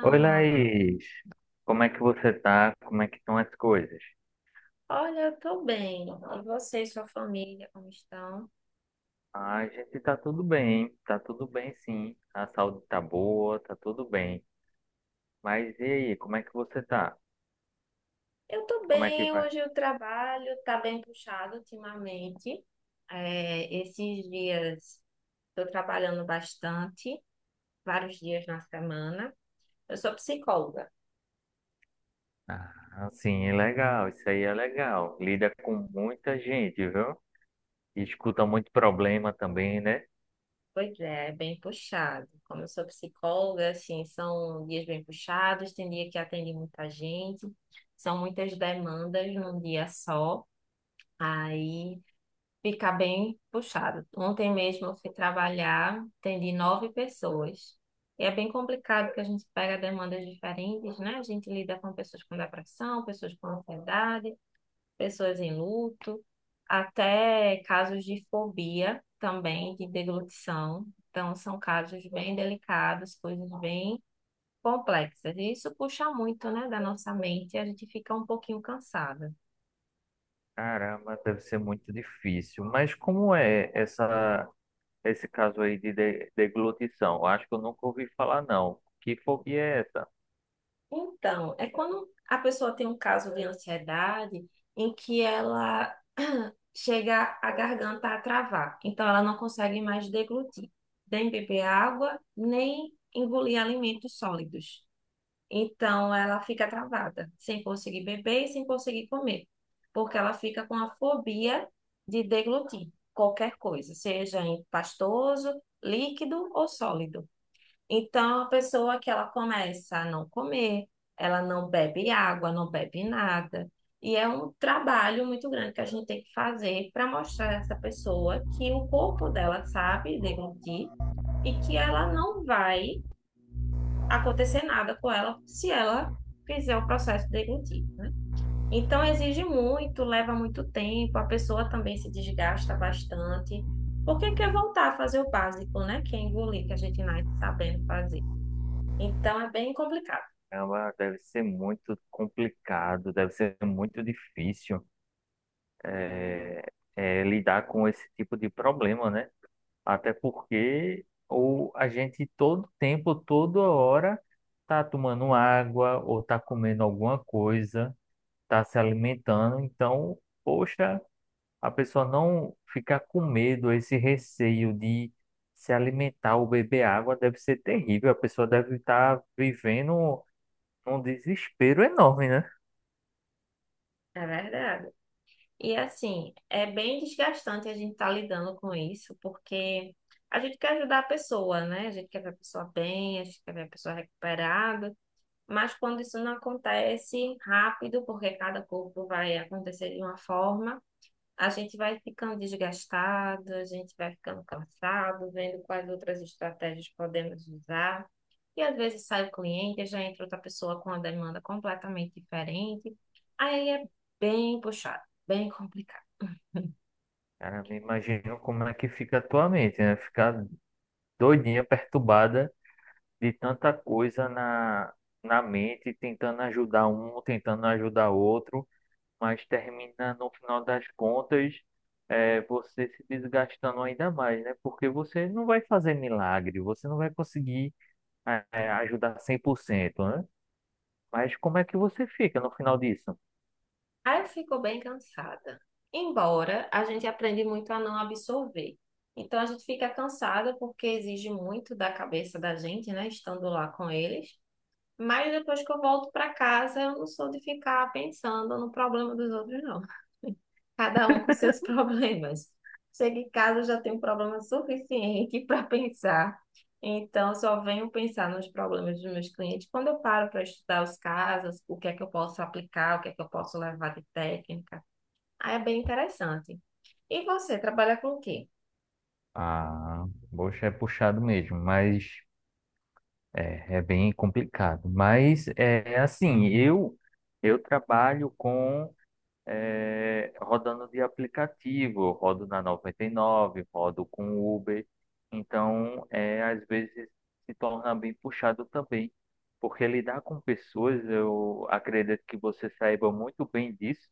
Oi, Alan, Laís. Como é que você tá? Como é que estão as coisas? olha, eu tô bem. E você e sua família, como estão? A gente tá tudo bem sim. A saúde tá boa, tá tudo bem. Mas e aí, como é que você tá? Eu tô Como é que bem, vai? hoje o trabalho tá bem puxado ultimamente. É, esses dias tô trabalhando bastante, vários dias na semana. Eu sou psicóloga. Ah, sim, é legal, isso aí é legal. Lida com muita gente, viu? E escuta muito problema também, né? Pois é, é bem puxado. Como eu sou psicóloga, assim, são dias bem puxados, tem dia que atende muita gente, são muitas demandas num dia só. Aí fica bem puxado. Ontem mesmo eu fui trabalhar, atendi 9 pessoas. E é bem complicado porque a gente pega demandas diferentes, né? A gente lida com pessoas com depressão, pessoas com ansiedade, pessoas em luto, até casos de fobia também, de deglutição. Então, são casos bem delicados, coisas bem complexas. E isso puxa muito, né, da nossa mente, e a gente fica um pouquinho cansada. Caramba, deve ser muito difícil. Mas como é esse caso aí de deglutição? Eu acho que eu nunca ouvi falar, não. Que fobia é essa? Então, é quando a pessoa tem um caso de ansiedade em que ela chega a garganta a travar. Então, ela não consegue mais deglutir, nem beber água, nem engolir alimentos sólidos. Então, ela fica travada, sem conseguir beber e sem conseguir comer, porque ela fica com a fobia de deglutir qualquer coisa, seja em pastoso, líquido ou sólido. Então, a pessoa que ela começa a não comer, ela não bebe água, não bebe nada. E é um trabalho muito grande que a gente tem que fazer para mostrar a essa pessoa que o corpo dela sabe deglutir e que ela não vai acontecer nada com ela se ela fizer o processo de deglutir. Então, exige muito, leva muito tempo, a pessoa também se desgasta bastante, porque quer voltar a fazer o básico, né? Que é engolir, que a gente nasce sabendo fazer. Então é bem complicado, Caramba, deve ser muito complicado, deve ser muito difícil é, lidar com esse tipo de problema, né? Até porque ou a gente todo tempo, toda hora, tá tomando água ou tá comendo alguma coisa, tá se alimentando. Então, poxa, a pessoa não ficar com medo, esse receio de se alimentar ou beber água deve ser terrível. A pessoa deve estar vivendo um desespero enorme, né? é verdade. E assim, é bem desgastante a gente estar lidando com isso, porque a gente quer ajudar a pessoa, né? A gente quer ver a pessoa bem, a gente quer ver a pessoa recuperada, mas quando isso não acontece rápido, porque cada corpo vai acontecer de uma forma, a gente vai ficando desgastado, a gente vai ficando cansado, vendo quais outras estratégias podemos usar. E às vezes sai o cliente, já entra outra pessoa com uma demanda completamente diferente. Aí é bem puxado, bem complicado. Cara, me imagino como é que fica a tua mente, né? Ficar doidinha, perturbada de tanta coisa na mente, tentando ajudar um, tentando ajudar outro, mas termina, no final das contas, você se desgastando ainda mais, né? Porque você não vai fazer milagre, você não vai conseguir, ajudar 100%, né? Mas como é que você fica no final disso? Aí eu fico bem cansada. Embora a gente aprende muito a não absorver. Então a gente fica cansada porque exige muito da cabeça da gente, né? Estando lá com eles. Mas depois que eu volto para casa, eu não sou de ficar pensando no problema dos outros, não. Cada um com seus problemas. Chego em casa, eu já tenho um problema suficiente para pensar. Então, eu só venho pensar nos problemas dos meus clientes quando eu paro para estudar os casos, o que é que eu posso aplicar, o que é que eu posso levar de técnica. Aí é bem interessante. E você, trabalha com o quê? Ah, poxa, é puxado mesmo, mas é, é bem complicado, mas é assim, eu trabalho com rodando de aplicativo, eu rodo na 99, rodo com Uber, então é, às vezes se torna bem puxado também, porque lidar com pessoas, eu acredito que você saiba muito bem disso,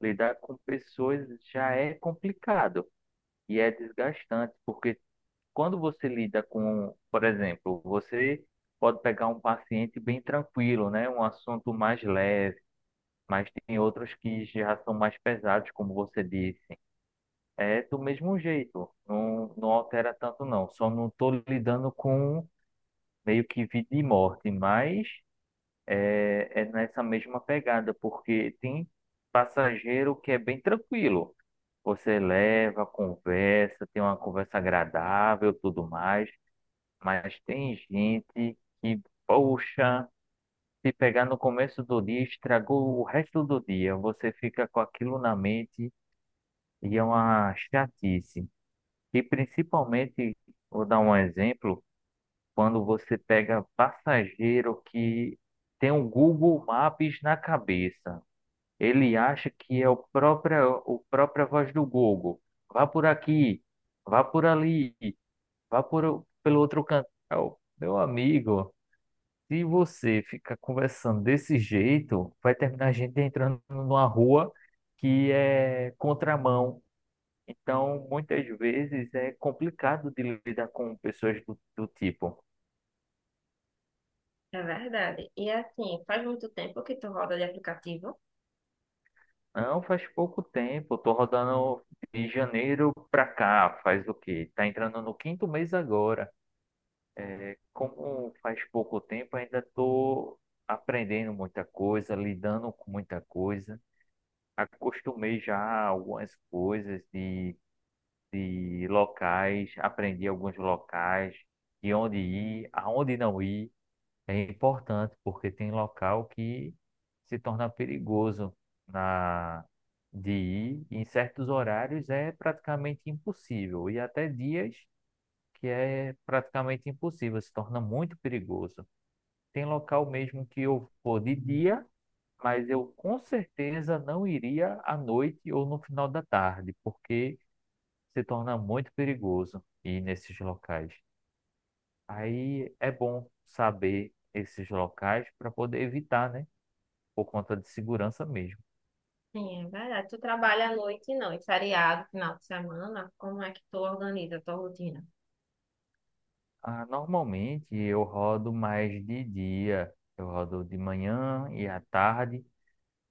lidar com pessoas já é complicado e é desgastante, porque quando você lida com, por exemplo, você pode pegar um paciente bem tranquilo, né? Um assunto mais leve, mas tem outros que já são mais pesados, como você disse. É do mesmo jeito, não altera tanto não. Só não estou lidando com meio que vida e morte, mas é, é nessa mesma pegada, porque tem passageiro que é bem tranquilo. Você leva, conversa, tem uma conversa agradável, tudo mais. Mas tem gente que, poxa, se pegar no começo do dia, estragou o resto do dia. Você fica com aquilo na mente e é uma chatice. E principalmente, vou dar um exemplo, quando você pega passageiro que tem o Google Maps na cabeça. Ele acha que é o próprio, o própria voz do Google. Vá por aqui, vá por ali, vá pelo outro canto. Meu amigo. Se você ficar conversando desse jeito, vai terminar a gente entrando numa rua que é contramão. Então, muitas vezes é complicado de lidar com pessoas do tipo. É verdade. E assim, faz muito tempo que tu roda de aplicativo? Não, faz pouco tempo, tô rodando de janeiro pra cá, faz o quê? Tá entrando no quinto mês agora. É, como faz pouco tempo, ainda tô aprendendo muita coisa, lidando com muita coisa, acostumei já algumas coisas de locais, aprendi alguns locais, de onde ir, aonde não ir. É importante, porque tem local que se torna perigoso na de ir. Em certos horários é praticamente impossível, e até dias que é praticamente impossível, se torna muito perigoso. Tem local mesmo que eu vou de dia, mas eu com certeza não iria à noite ou no final da tarde, porque se torna muito perigoso ir nesses locais. Aí é bom saber esses locais para poder evitar, né? Por conta de segurança mesmo. Sim, é verdade. Tu trabalha à noite, não, e feriado, final de semana, como é que tu organiza a tua rotina? Ah, normalmente eu rodo mais de dia, eu rodo de manhã e à tarde,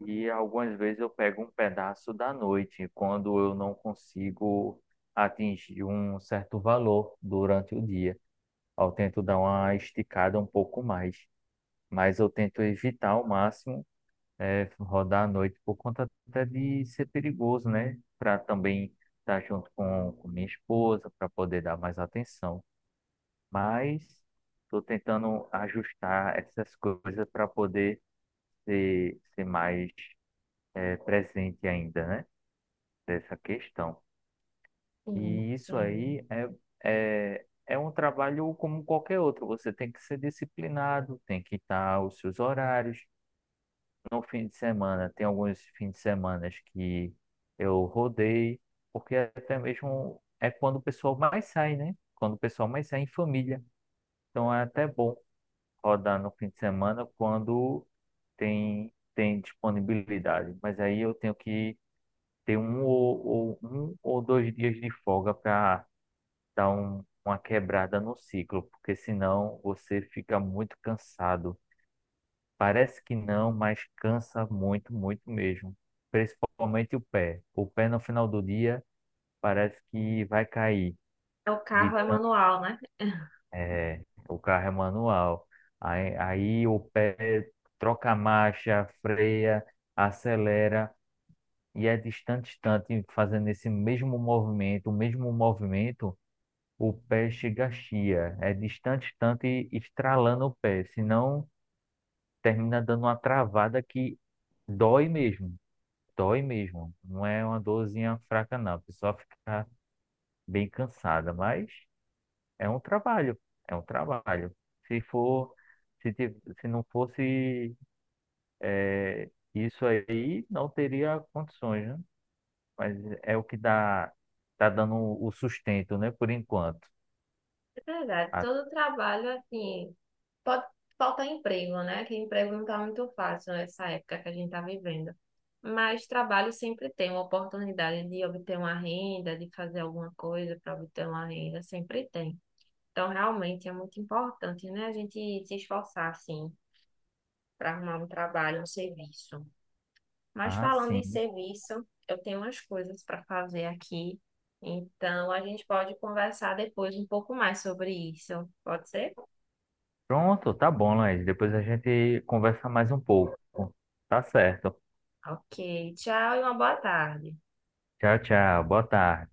e algumas vezes eu pego um pedaço da noite, quando eu não consigo atingir um certo valor durante o dia. Eu tento dar uma esticada um pouco mais, mas eu tento evitar ao máximo rodar à noite, por conta até de ser perigoso, né? Para também estar junto com minha esposa, para poder dar mais atenção. Mas estou tentando ajustar essas coisas para poder ser mais presente ainda, né? Dessa questão. Sim, E isso sim. aí é um trabalho como qualquer outro. Você tem que ser disciplinado, tem que estar os seus horários, no fim de semana. Tem alguns fins de semana que eu rodei, porque até mesmo é quando o pessoal mais sai, né? Quando o pessoal mais sai em família. Então é até bom rodar no fim de semana quando tem disponibilidade. Mas aí eu tenho que ter um um ou dois dias de folga para dar uma quebrada no ciclo, porque senão você fica muito cansado. Parece que não, mas cansa muito, muito mesmo. Principalmente o pé. O pé no final do dia parece que vai cair É. O de carro é tanto. manual, né? É, o carro é manual. Aí o pé troca a marcha, freia, acelera e é distante, distante, fazendo esse mesmo movimento, o pé chega a chia. É distante, distante, estralando o pé, senão termina dando uma travada que dói mesmo. Dói mesmo. Não é uma dorzinha fraca, não. A pessoa fica bem cansada, mas é um trabalho. É um trabalho. Se for, se não fosse isso aí, não teria condições, né? Mas é o que dá, tá dando o sustento, né? Por enquanto. É verdade. Ah, Todo trabalho, assim, pode faltar emprego, né? Que emprego não está muito fácil nessa época que a gente está vivendo. Mas trabalho sempre tem uma oportunidade de obter uma renda, de fazer alguma coisa para obter uma renda, sempre tem. Então, realmente é muito importante, né? A gente se esforçar, assim, para arrumar um trabalho, um serviço. Mas ah, falando em sim. serviço, eu tenho umas coisas para fazer aqui. Então, a gente pode conversar depois um pouco mais sobre isso. Pode ser? Pronto, tá bom, Laís. Depois a gente conversa mais um pouco. Tá certo. Ok. Tchau e uma boa tarde. Tchau, tchau. Boa tarde.